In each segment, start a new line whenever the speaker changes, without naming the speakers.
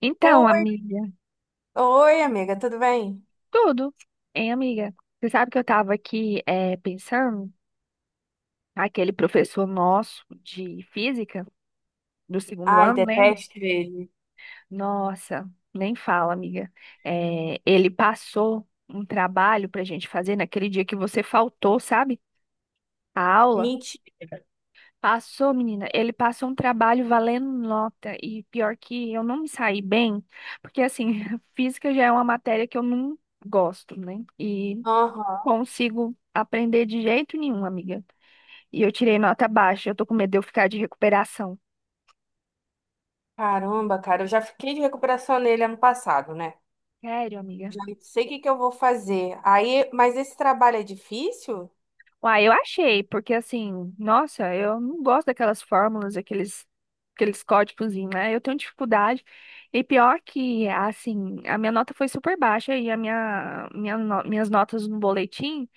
Então,
Oi,
amiga,
oi, amiga, tudo bem?
tudo, hein, amiga? Você sabe que eu tava aqui pensando, aquele professor nosso de física do segundo
Ai,
ano, lembra?
detesto ele.
Nossa, nem fala, amiga. Ele passou um trabalho pra gente fazer naquele dia que você faltou, sabe? A aula.
Mentira.
Passou, menina. Ele passou um trabalho valendo nota. E pior que eu não me saí bem, porque assim, física já é uma matéria que eu não gosto, né? E
Aham.
consigo aprender de jeito nenhum, amiga. E eu tirei nota baixa, eu tô com medo de eu ficar de recuperação.
Caramba, cara, eu já fiquei de recuperação nele ano passado, né?
Sério, amiga?
Já não sei o que que eu vou fazer. Aí, mas esse trabalho é difícil?
Uai, eu achei, porque assim, nossa, eu não gosto daquelas fórmulas, aqueles, aqueles códigos, né? Eu tenho dificuldade. E pior que, assim, a minha nota foi super baixa e a minha, minhas notas no boletim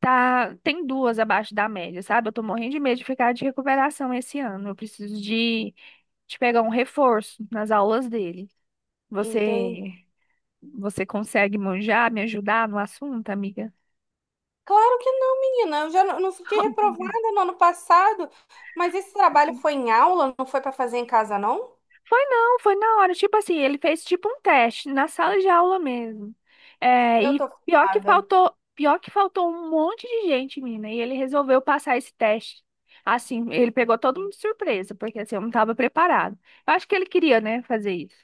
tá, tem duas abaixo da média, sabe? Eu tô morrendo de medo de ficar de recuperação esse ano. Eu preciso de pegar um reforço nas aulas dele.
Entendi.
Você, você consegue manjar, me ajudar no assunto, amiga?
Claro que não, menina. Eu já não fiquei
Amiga.
reprovada no ano passado, mas esse trabalho foi em aula, não foi para fazer em casa, não?
Foi não, foi na hora. Tipo assim, ele fez tipo um teste na sala de aula mesmo. É,
Eu
e
tô frustrada.
pior que faltou um monte de gente, mina, e ele resolveu passar esse teste. Assim, ele pegou todo mundo de surpresa, porque assim, eu não estava preparado. Eu acho que ele queria, né, fazer isso,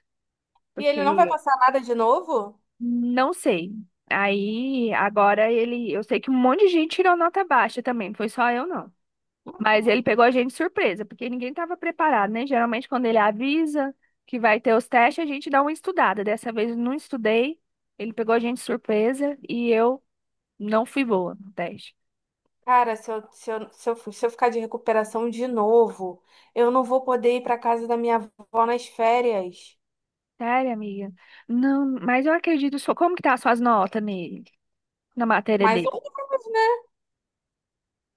E ele não vai
porque
passar nada de novo?
não sei. Aí, agora ele, eu sei que um monte de gente tirou nota baixa também, não foi só eu não. Mas ele pegou a gente de surpresa, porque ninguém estava preparado, né? Geralmente, quando ele avisa que vai ter os testes, a gente dá uma estudada. Dessa vez eu não estudei, ele pegou a gente de surpresa e eu não fui boa no teste.
Cara, se eu ficar de recuperação de novo, eu não vou poder ir para casa da minha avó nas férias.
Sério, amiga? Não, mas eu acredito só. Como que tá as suas notas nele, na matéria
Mas,
dele?
eu-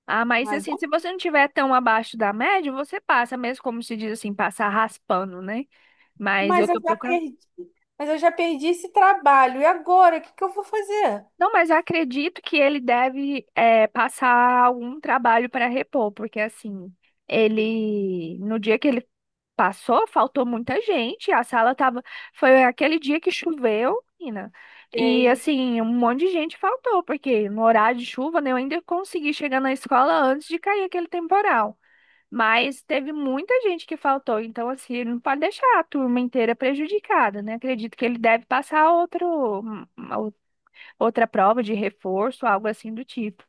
Ah, mas
mas,
assim, se
eu-
você não tiver tão abaixo da média, você passa, mesmo como se diz assim, passar raspando, né? Mas eu
mas eu
tô
já
procurando.
perdi, mas eu já perdi esse trabalho. E agora, o que que eu vou fazer?
Não, mas acredito que ele deve passar algum trabalho para repor, porque assim, ele no dia que ele passou, faltou muita gente, a sala tava, foi aquele dia que choveu, menina. E
Sei.
assim, um monte de gente faltou, porque no horário de chuva, né, eu ainda consegui chegar na escola antes de cair aquele temporal. Mas teve muita gente que faltou, então assim, ele não pode deixar a turma inteira prejudicada, né? Acredito que ele deve passar outro, outra prova de reforço, algo assim do tipo,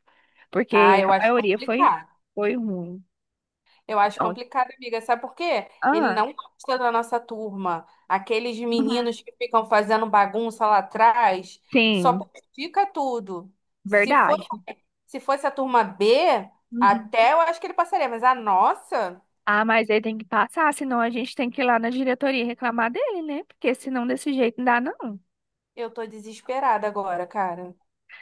Ah,
porque
eu
a
acho
maioria foi,
complicado.
foi ruim.
Eu acho
Então,
complicado, amiga. Sabe por quê? Ele
ah,
não gosta da nossa turma. Aqueles
uhum,
meninos que ficam fazendo bagunça lá atrás, só
sim,
porque fica tudo. Se for
verdade.
Se fosse a turma B,
Uhum.
até eu acho que ele passaria, mas a nossa,
Ah, mas ele tem que passar, senão a gente tem que ir lá na diretoria reclamar dele, né? Porque senão desse jeito não dá, não.
eu tô desesperada agora, cara.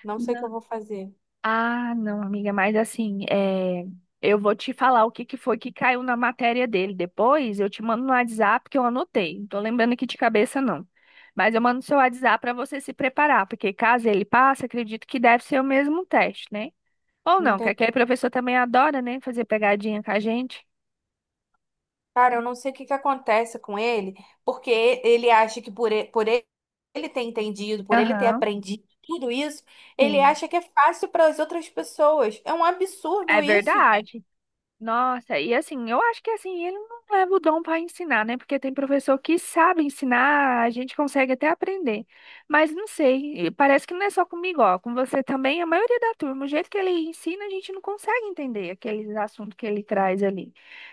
Não sei o que
Não.
eu vou fazer.
Ah, não, amiga, mas assim, eu vou te falar o que que foi que caiu na matéria dele. Depois eu te mando no WhatsApp que eu anotei. Não tô lembrando aqui de cabeça, não. Mas eu mando no seu WhatsApp para você se preparar, porque caso ele passe, acredito que deve ser o mesmo teste, né? Ou
Não
não, que
tem-
aquele professor também adora, né, fazer pegadinha com a gente.
Cara, eu não sei o que que acontece com ele, porque ele acha que por ele ter entendido, por ele ter
Aham,
aprendido tudo isso, ele
sim.
acha que é fácil para as outras pessoas. É um absurdo
É
isso.
verdade. Nossa, e assim, eu acho que assim, ele não leva o dom para ensinar, né? Porque tem professor que sabe ensinar, a gente consegue até aprender. Mas não sei, e parece que não é só comigo, ó, com você também, a maioria da turma, o jeito que ele ensina, a gente não consegue entender aqueles assuntos que ele traz ali.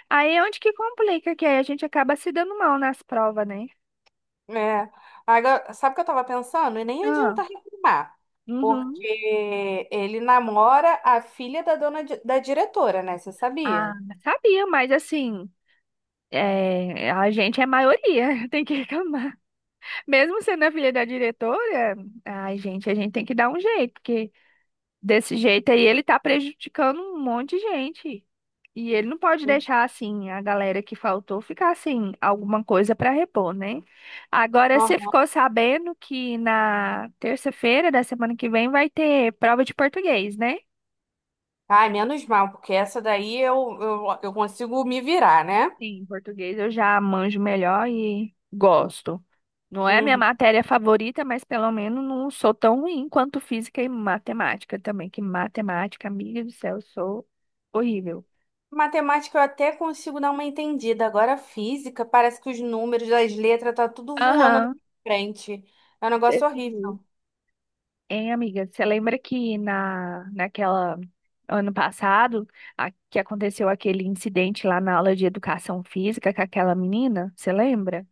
Aí é onde que complica, que aí a gente acaba se dando mal nas provas, né?
É. Agora, sabe o que eu tava pensando? E nem
Ah,
adianta reclamar,
uhum.
porque ele namora a filha da da diretora, né? Você
Ah,
sabia?
sabia, mas assim, é, a gente é maioria, tem que reclamar. Mesmo sendo a filha da diretora, ai, gente, a gente tem que dar um jeito, porque desse jeito aí ele tá prejudicando um monte de gente. E ele não pode
Sim.
deixar assim a galera que faltou ficar assim alguma coisa para repor, né? Agora você
Aham.
ficou sabendo que na terça-feira da semana que vem vai ter prova de português, né?
Ai, menos mal, porque essa daí eu consigo me virar, né?
Sim, em português eu já manjo melhor e gosto. Não é a minha
Uhum.
matéria favorita, mas pelo menos não sou tão ruim quanto física e matemática também, que matemática, amiga do céu, eu sou horrível.
Matemática eu até consigo dar uma entendida. Agora, física, parece que os números das letras tá tudo voando na
Aham,
frente. É um negócio
desse
horrível.
jeito. Hein, amiga, você lembra que naquela ano passado que aconteceu aquele incidente lá na aula de educação física com aquela menina? Você lembra?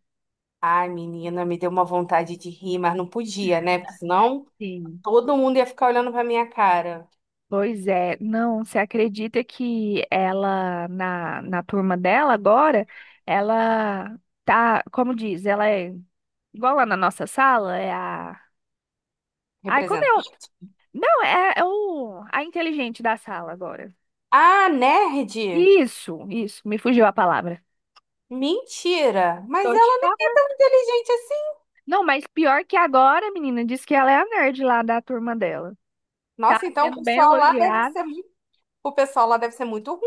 Ai, menina, me deu uma vontade de rir, mas não podia, né? Porque senão.
Sim.
Todo mundo ia ficar olhando pra minha cara.
Pois é, não, você acredita que ela, na turma dela agora, ela tá, como diz, ela é igual lá na nossa sala, é a. Ai, quando
Representa.
eu. Não, a inteligente da sala agora.
Ah, nerd?
Isso, me fugiu a palavra.
Mentira! Mas
Tô te
ela nem
falando.
é inteligente assim.
Não, mas pior que agora, menina, diz que ela é a nerd lá da turma dela. Tá
Nossa, então o
sendo bem
pessoal lá deve
elogiada.
ser muito, o pessoal lá deve ser muito ruim.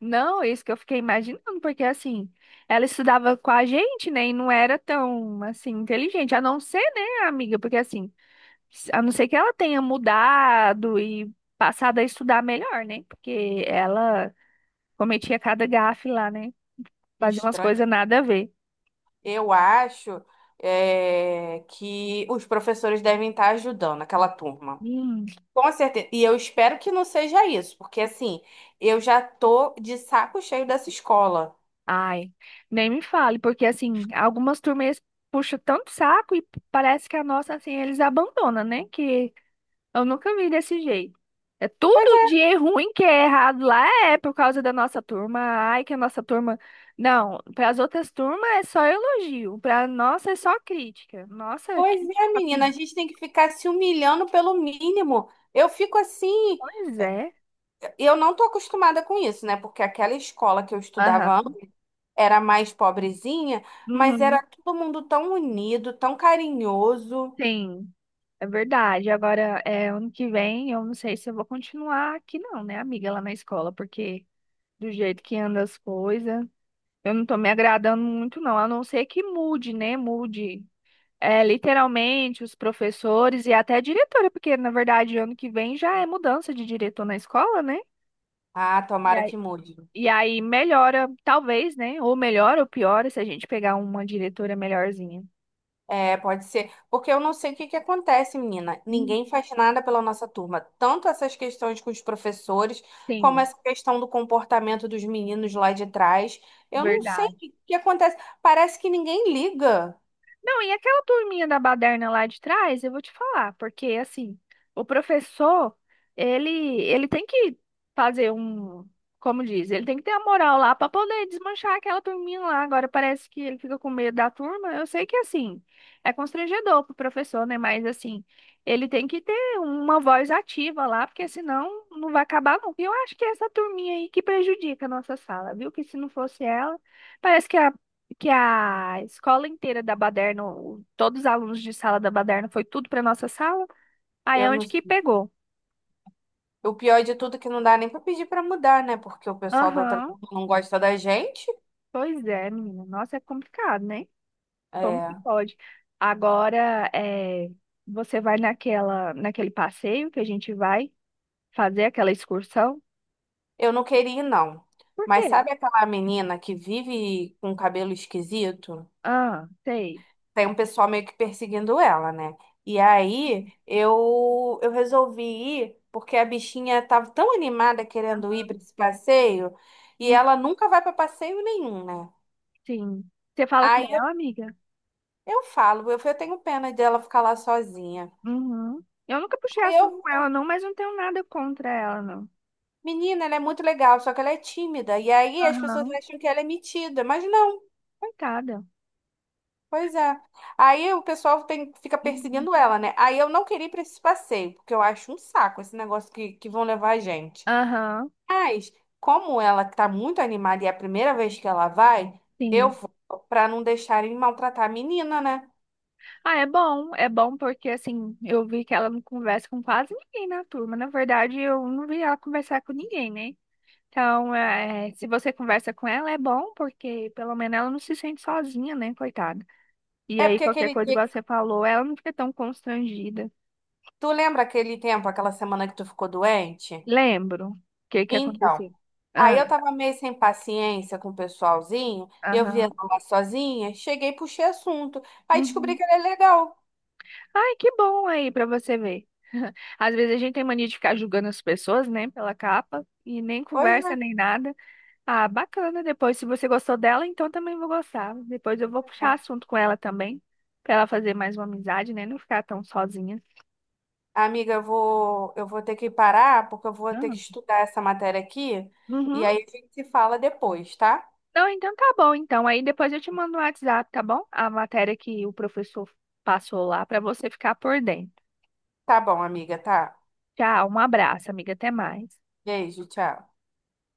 Não, é isso que eu fiquei imaginando, porque assim, ela estudava com a gente, né, e não era tão, assim, inteligente, a não ser, né, amiga, porque assim, a não ser que ela tenha mudado e passado a estudar melhor, né, porque ela cometia cada gafe lá, né, fazia umas
Estranho.
coisas nada a ver.
Eu acho que os professores devem estar ajudando aquela turma.
Hum,
Com certeza. E eu espero que não seja isso, porque assim, eu já tô de saco cheio dessa escola.
ai, nem me fale, porque assim, algumas turmas puxam tanto saco e parece que a nossa, assim, eles abandonam, né, que eu nunca vi desse jeito. É
Pois
tudo
é,
de ruim que é errado lá é por causa da nossa turma. Ai, que a nossa turma. Não, para as outras turmas é só elogio, para nossa é só crítica. Nossa,
pois
que
é,
chato,
menina, a
hein?
gente tem que ficar se humilhando pelo mínimo. Eu fico assim.
Pois é.
E eu não tô acostumada com isso, né? Porque aquela escola que eu
Aham.
estudava antes era mais pobrezinha, mas
Uhum.
era todo mundo tão unido, tão carinhoso.
Sim, é verdade. Agora, é, ano que vem, eu não sei se eu vou continuar aqui, não, né, amiga, lá na escola, porque do jeito que anda as coisas, eu não tô me agradando muito, não. A não ser que mude, né? Mude. É, literalmente, os professores e até a diretora, porque na verdade ano que vem já é mudança de diretor na escola, né?
Ah,
E
tomara
aí,
que mude.
e aí melhora, talvez, né? Ou melhora ou piora se a gente pegar uma diretora melhorzinha.
É, pode ser. Porque eu não sei o que que acontece, menina.
Hum,
Ninguém faz nada pela nossa turma. Tanto essas questões com os professores, como
Sim,
essa questão do comportamento dos meninos lá de trás. Eu não sei o
verdade.
que que acontece. Parece que ninguém liga.
Não, e aquela turminha da baderna lá de trás, eu vou te falar, porque assim, o professor, ele, ele tem que fazer um, como diz, ele tem que ter a moral lá para poder desmanchar aquela turminha lá. Agora parece que ele fica com medo da turma. Eu sei que assim, é constrangedor pro professor, né? Mas assim, ele tem que ter uma voz ativa lá, porque senão não vai acabar nunca. E eu acho que é essa turminha aí que prejudica a nossa sala, viu? Que se não fosse ela, parece que a escola inteira da Baderno, todos os alunos de sala da Baderno, foi tudo para nossa sala. Aí
Eu
é
não
onde que pegou.
O pior de tudo é que não dá nem pra pedir pra mudar, né? Porque o pessoal da outra
Aham,
turma não gosta da gente.
pois é, menina. Nossa, é complicado, né? Como que
É,
pode? Agora, é, você vai naquele passeio que a gente vai fazer aquela excursão?
eu não queria ir, não.
Por
Mas
quê?
sabe aquela menina que vive com cabelo esquisito?
Ah, sei.
Tem um pessoal meio que perseguindo ela, né? E aí eu resolvi ir porque a bichinha tava tão animada querendo
Ah,
ir pra esse passeio e
hum,
ela nunca vai pra passeio nenhum, né?
sim. Você fala com
Aí eu,
ela, amiga?
eu falo, eu tenho pena dela ficar lá sozinha.
Uhum. Eu nunca puxei
Aí
assunto
eu
com ela, não, mas não tenho nada contra ela, não.
Menina, ela é muito legal, só que ela é tímida. E aí as pessoas
Aham,
acham que ela é metida, mas não,
coitada.
pois é. Aí o pessoal tem- fica
Uhum.
perseguindo ela, né? Aí eu não queria ir pra esse passeio, porque eu acho um saco esse negócio que vão levar a gente.
Aham,
Mas, como ela tá muito animada e é a primeira vez que ela vai, eu
sim.
vou pra não deixarem maltratar a menina, né?
Ah, é bom porque assim, eu vi que ela não conversa com quase ninguém na turma. Na verdade, eu não vi ela conversar com ninguém, né? Então, é, se você conversa com ela, é bom, porque pelo menos ela não se sente sozinha, né, coitada? E
É
aí,
porque
qualquer
aquele
coisa que
dia.
você falou, ela não fica tão constrangida.
Tu lembra aquele tempo, aquela semana que tu ficou doente?
Lembro o que que
Então.
aconteceu.
Aí
Ah,
eu tava meio sem paciência com o pessoalzinho, eu via
aham.
lá sozinha, cheguei e puxei assunto. Aí descobri
Uhum.
que ele é legal.
Ai, que bom aí pra você ver. Às vezes a gente tem mania de ficar julgando as pessoas, né, pela capa, e nem
Pois
conversa nem nada. Ah, bacana. Depois, se você gostou dela, então também vou gostar. Depois eu vou puxar
é.
assunto com ela também, pra ela fazer mais uma amizade, né? Não ficar tão sozinha.
Amiga, eu vou ter que parar, porque eu vou ter
Ah,
que estudar essa matéria aqui, e
uhum.
aí a gente se fala depois, tá?
Não, então tá bom. Então, aí depois eu te mando no WhatsApp, tá bom? A matéria que o professor passou lá pra você ficar por dentro.
Tá bom, amiga, tá.
Tchau, um abraço, amiga. Até mais.
Beijo, tchau.